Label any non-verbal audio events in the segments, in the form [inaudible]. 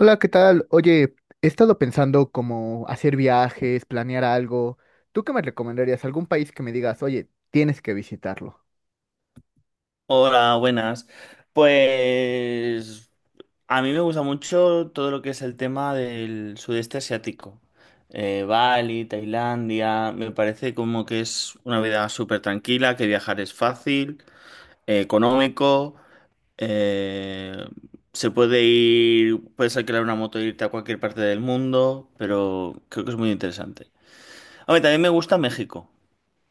Hola, ¿qué tal? Oye, he estado pensando como hacer viajes, planear algo. ¿Tú qué me recomendarías? ¿Algún país que me digas, oye, tienes que visitarlo? Hola, buenas. Pues a mí me gusta mucho todo lo que es el tema del sudeste asiático. Bali, Tailandia, me parece como que es una vida súper tranquila, que viajar es fácil, económico, eh, se puede ir, puedes alquilar una moto e irte a cualquier parte del mundo, pero creo que es muy interesante. A ver, también me gusta México.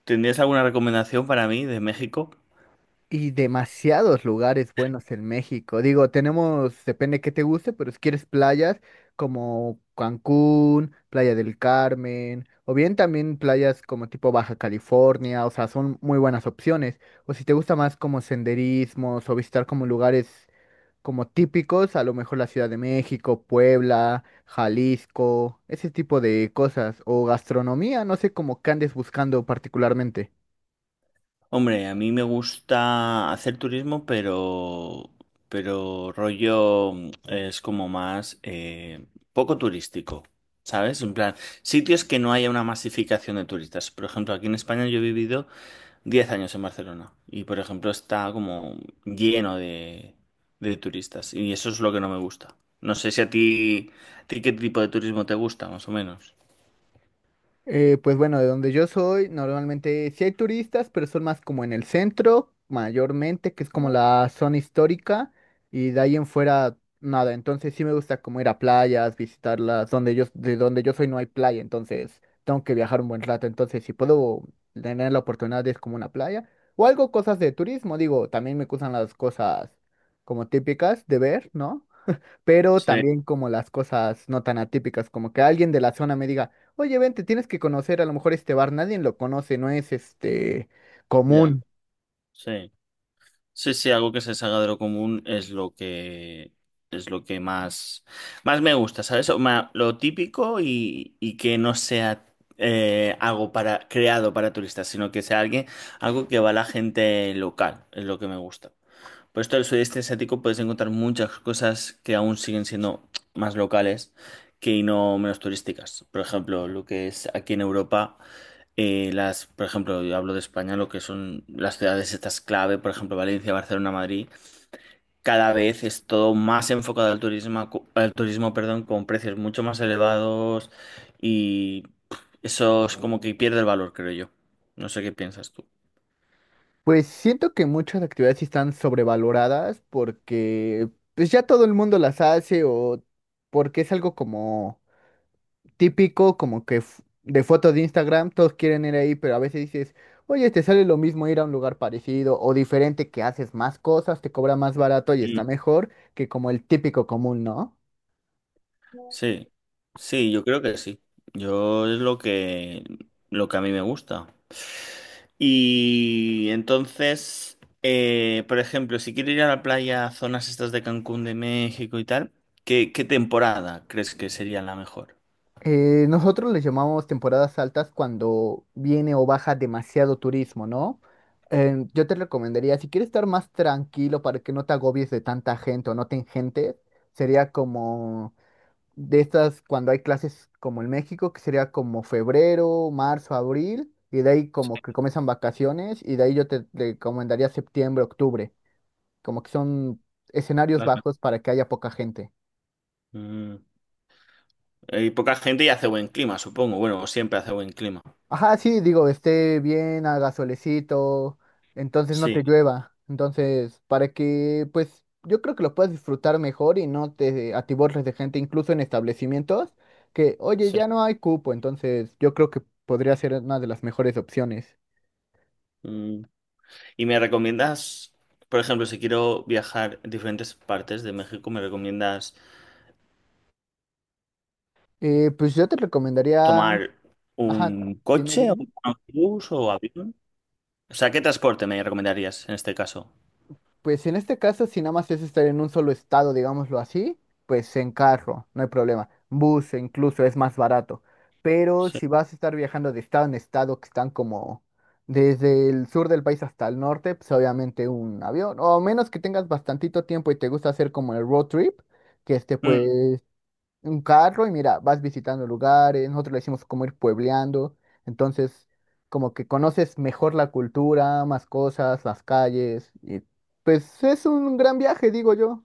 ¿Tendrías alguna recomendación para mí de México? Y demasiados lugares buenos en México. Digo, tenemos, depende qué te guste, pero si quieres playas como Cancún, Playa del Carmen, o bien también playas como tipo Baja California, o sea, son muy buenas opciones. O si te gusta más como senderismos o visitar como lugares como típicos, a lo mejor la Ciudad de México, Puebla, Jalisco, ese tipo de cosas, o gastronomía, no sé cómo que andes buscando particularmente. Hombre, a mí me gusta hacer turismo, pero rollo es como más poco turístico, ¿sabes? En plan, sitios que no haya una masificación de turistas. Por ejemplo, aquí en España yo he vivido 10 años en Barcelona y, por ejemplo, está como lleno de turistas y eso es lo que no me gusta. No sé si a ti, a ti qué tipo de turismo te gusta, más o menos. Pues bueno, de donde yo soy, normalmente sí hay turistas, pero son más como en el centro, mayormente, que es como la zona histórica, y de ahí en fuera nada. Entonces sí me gusta como ir a playas, visitarlas, donde de donde yo soy no hay playa, entonces tengo que viajar un buen rato. Entonces, si puedo tener la oportunidad de ir como una playa, o algo, cosas de turismo, digo, también me gustan las cosas como típicas de ver, ¿no? Pero Sí, también como las cosas no tan atípicas, como que alguien de la zona me diga, oye, vente, tienes que conocer a lo mejor este bar, nadie lo conoce, no es este ya, común. sí. Sí, sí, algo que se salga de lo común es lo que es lo que más, más me gusta, ¿sabes? O ma- Lo típico y que no sea algo para, creado para turistas, sino que sea alguien, algo que va a la gente local, es lo que me gusta. Por esto del sudeste asiático puedes encontrar muchas cosas que aún siguen siendo más locales que no menos turísticas. Por ejemplo, lo que es aquí en Europa. Las, por ejemplo, yo hablo de España, lo que son las ciudades estas clave, por ejemplo, Valencia, Barcelona, Madrid, cada vez es todo más enfocado al turismo, co- al turismo, perdón, con precios mucho más elevados y pff, eso es como que pierde el valor, creo yo. No sé qué piensas tú. Pues siento que muchas actividades sí están sobrevaloradas porque pues ya todo el mundo las hace o porque es algo como típico, como que de fotos de Instagram, todos quieren ir ahí, pero a veces dices, oye, te sale lo mismo ir a un lugar parecido o diferente que haces más cosas, te cobra más barato y está mejor que como el típico común, ¿no? Sí, sí, yo creo que sí. Yo es lo que a mí me gusta. Y entonces, por ejemplo, si quiero ir a la playa, a zonas estas de Cancún, de México y tal, ¿qué, qué temporada crees que sería la mejor? Nosotros les llamamos temporadas altas cuando viene o baja demasiado turismo, ¿no? Yo te recomendaría, si quieres estar más tranquilo para que no te agobies de tanta gente o no te engentes, sería como de estas cuando hay clases como en México, que sería como febrero, marzo, abril, y de ahí como que comienzan vacaciones, y de ahí yo te recomendaría septiembre, octubre, como que son escenarios Las me- bajos para que haya poca gente. Mm, hay poca gente y hace buen clima, supongo. Bueno, siempre hace buen clima. Ajá, sí, digo, esté bien, haga solecito, entonces no Sí, te llueva. Entonces, para que, pues, yo creo que lo puedas disfrutar mejor y no te atiborres de gente, incluso en establecimientos, que, oye, sí. ya no hay cupo, entonces yo creo que podría ser una de las mejores opciones. Mm, ¿y me recomiendas, por ejemplo, si quiero viajar a diferentes partes de México, me recomiendas Pues yo te recomendaría, tomar ajá, un dime, coche, dime. un autobús o avión? O sea, ¿qué transporte me recomendarías en este caso? Pues en este caso, si nada más es estar en un solo estado, digámoslo así, pues en carro, no hay problema. Bus incluso es más barato. Pero Sí. si vas a estar viajando de estado en estado, que están como desde el sur del país hasta el norte, pues obviamente un avión. O a menos que tengas bastantito tiempo y te gusta hacer como el road trip, que este Mm, pues un carro y mira, vas visitando lugares, nosotros le decimos como ir puebleando, entonces como que conoces mejor la cultura, más cosas, las calles, y pues es un gran viaje, digo yo.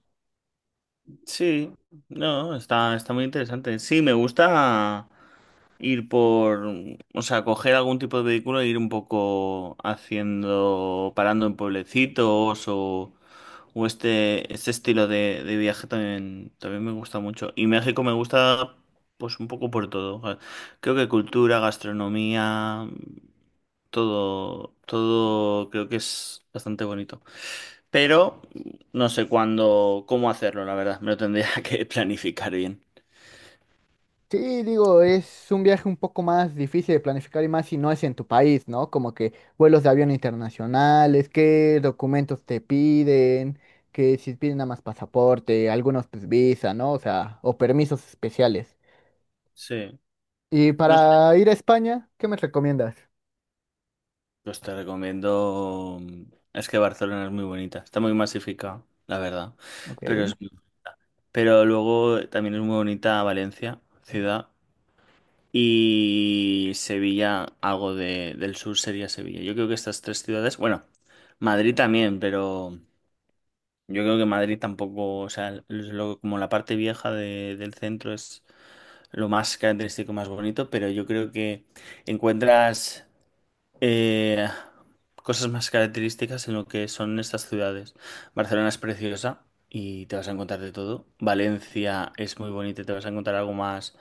sí, no, está, está muy interesante. Sí, me gusta ir por, o sea, coger algún tipo de vehículo e ir un poco haciendo, parando en pueblecitos o este estilo de viaje también, también me gusta mucho. Y México me gusta, pues, un poco por todo. Creo que cultura, gastronomía. Todo, todo creo que es bastante bonito. Pero no sé cuándo, cómo hacerlo, la verdad. Me lo tendría [laughs] que planificar bien. Sí, digo, es un viaje un poco más difícil de planificar y más si no es en tu país, ¿no? Como que vuelos de avión internacionales, qué documentos te piden, que si piden nada más pasaporte, algunos pues visa, ¿no? O sea, o permisos especiales. Sí. Y No sé. para ir a España, ¿qué me recomiendas? Pues te recomiendo. Es que Barcelona es muy bonita. Está muy masificada, la verdad. Ok. Pero es... pero luego también es muy bonita Valencia, ciudad. Y Sevilla, algo de- del sur sería Sevilla. Yo creo que estas tres ciudades. Bueno, Madrid también, pero. Yo creo que Madrid tampoco, o sea, es lo- como la parte vieja de- del centro es lo más característico, más bonito, pero yo creo que encuentras eh, cosas más características en lo que son estas ciudades. Barcelona es preciosa y te vas a encontrar de todo. Valencia es muy bonita y te vas a encontrar algo más,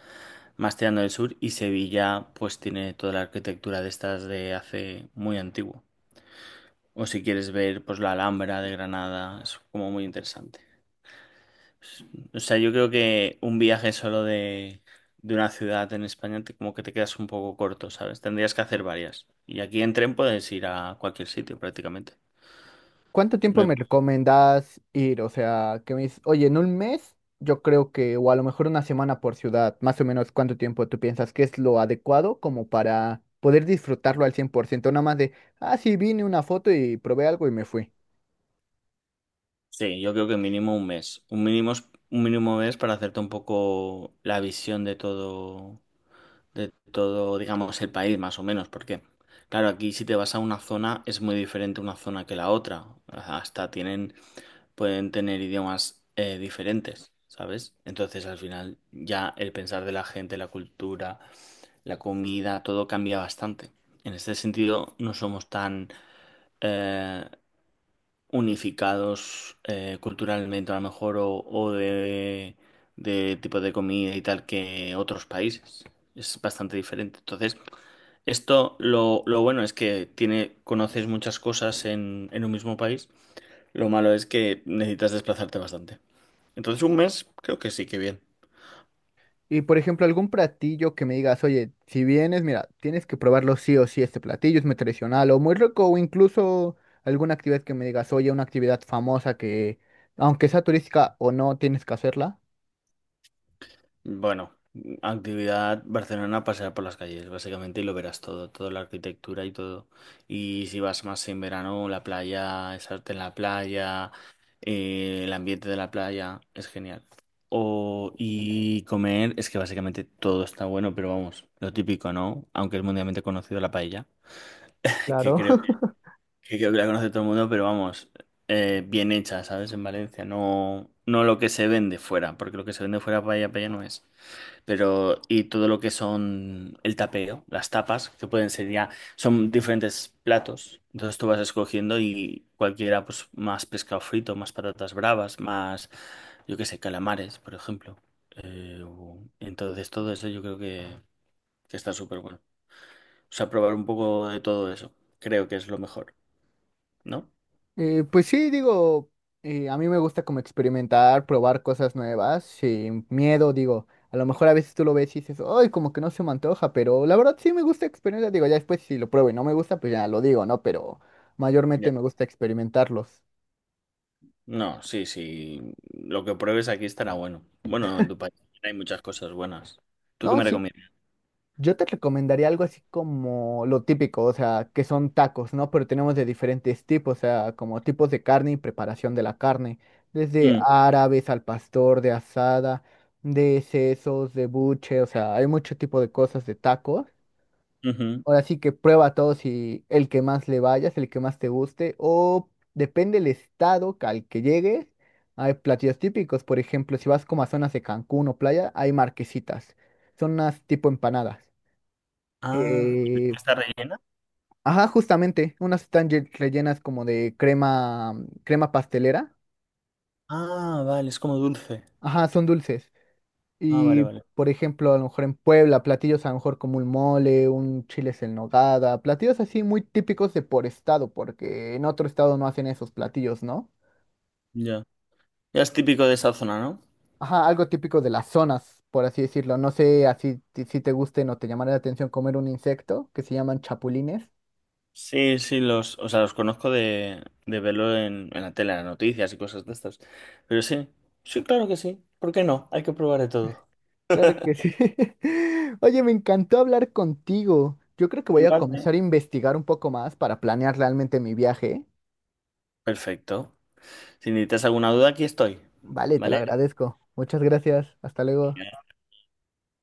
más tirando del sur. Y Sevilla, pues tiene toda la arquitectura de estas de hace muy antiguo. O si quieres ver, pues la Alhambra de Granada, es como muy interesante. O sea, yo creo que un viaje solo de una ciudad en España te- como que te quedas un poco corto, ¿sabes? Tendrías que hacer varias. Y aquí en tren puedes ir a cualquier sitio prácticamente. ¿Cuánto No tiempo hay- me recomendás ir? O sea, que me dices, oye, en un mes, yo creo que, o a lo mejor una semana por ciudad, más o menos cuánto tiempo tú piensas que es lo adecuado como para poder disfrutarlo al 100%, nada más de, ah, sí, vine una foto y probé algo y me fui. Sí, yo creo que mínimo un mes. Un mínimo, es- un mínimo mes para hacerte un poco la visión de todo, digamos, el país, más o menos, porque, claro, aquí si te vas a una zona es muy diferente una zona que la otra. Hasta tienen, pueden tener idiomas diferentes, ¿sabes? Entonces, al final, ya el pensar de la gente, la cultura, la comida, todo cambia bastante. En este sentido, no somos tan, eh, unificados culturalmente a lo mejor o de tipo de comida y tal que otros países. Es bastante diferente. Entonces, esto lo bueno es que tiene, conoces muchas cosas en un mismo país. Lo malo es que necesitas desplazarte bastante. Entonces, un mes creo que sí que bien. Y por ejemplo, algún platillo que me digas, oye, si vienes, mira, tienes que probarlo sí o sí, este platillo es muy tradicional o muy rico, o incluso alguna actividad que me digas, oye, una actividad famosa que, aunque sea turística o no, tienes que hacerla. Bueno, actividad Barcelona, pasear por las calles, básicamente, y lo verás todo, toda la arquitectura y todo. Y si vas más en verano, la playa, es arte en la playa, el ambiente de la playa, es genial. O, y comer, es que básicamente todo está bueno, pero vamos, lo típico, ¿no? Aunque es mundialmente conocido la paella, [laughs] que Claro. creo que, [laughs] creo que la conoce todo el mundo, pero vamos, bien hecha, ¿sabes? En Valencia, no, no lo que se vende fuera, porque lo que se vende fuera paella, paella no es. Pero, y todo lo que son el tapeo, las tapas, que pueden ser ya, son diferentes platos. Entonces tú vas escogiendo y cualquiera, pues más pescado frito, más patatas bravas, más, yo qué sé, calamares, por ejemplo. O- entonces todo eso yo creo que está súper bueno. O sea, probar un poco de todo eso, creo que es lo mejor, ¿no? Pues sí, digo, a mí me gusta como experimentar, probar cosas nuevas, sin miedo, digo, a lo mejor a veces tú lo ves y dices, ay, como que no se me antoja, pero la verdad sí me gusta experimentar, digo, ya después si lo pruebo y no me gusta, pues ya lo digo, ¿no? Pero Ya. mayormente me gusta experimentarlos, No, sí, sí, lo que pruebes aquí estará bueno. Bueno, en tu país hay muchas cosas buenas. ¿Tú qué ¿no? me Sí, recomiendas? yo te recomendaría algo así como lo típico, o sea, que son tacos, ¿no? Pero tenemos de diferentes tipos, o sea, como tipos de carne y preparación de la carne, desde Mm, árabes al pastor, de asada, de sesos, de buche, o sea, hay mucho tipo de cosas de tacos. ujú. Ahora sí que prueba todos y el que más le vayas, el que más te guste, o depende del estado al que llegues, hay platillos típicos, por ejemplo, si vas como a zonas de Cancún o playa, hay marquesitas, son unas tipo empanadas. Ah, Eh, ¿está rellena? ajá, justamente, unas están rellenas como de crema, crema pastelera. Ah, vale, es como dulce. Ajá, son dulces. Ah, vale, Y, vale. por ejemplo, a lo mejor en Puebla, platillos a lo mejor como un mole, un chiles en nogada, platillos así muy típicos de por estado, porque en otro estado no hacen esos platillos, ¿no? Ya. Ya es típico de esa zona, ¿no? Ajá, algo típico de las zonas, por así decirlo. No sé así si te gusten o te llamará la atención comer un insecto que se llaman chapulines. Sí, sí, los, o sea, los conozco de verlo en la tele, en las noticias y cosas de estas. Pero sí, sí, claro que sí. ¿Por qué no? Hay que probar de todo. Claro que [laughs] sí. [laughs] Oye, me encantó hablar contigo. Yo creo que voy a Igual, ¿eh? comenzar a investigar un poco más para planear realmente mi viaje. Perfecto. Si necesitas alguna duda, aquí estoy. Vale, te lo ¿Vale? agradezco. Muchas gracias. Hasta luego.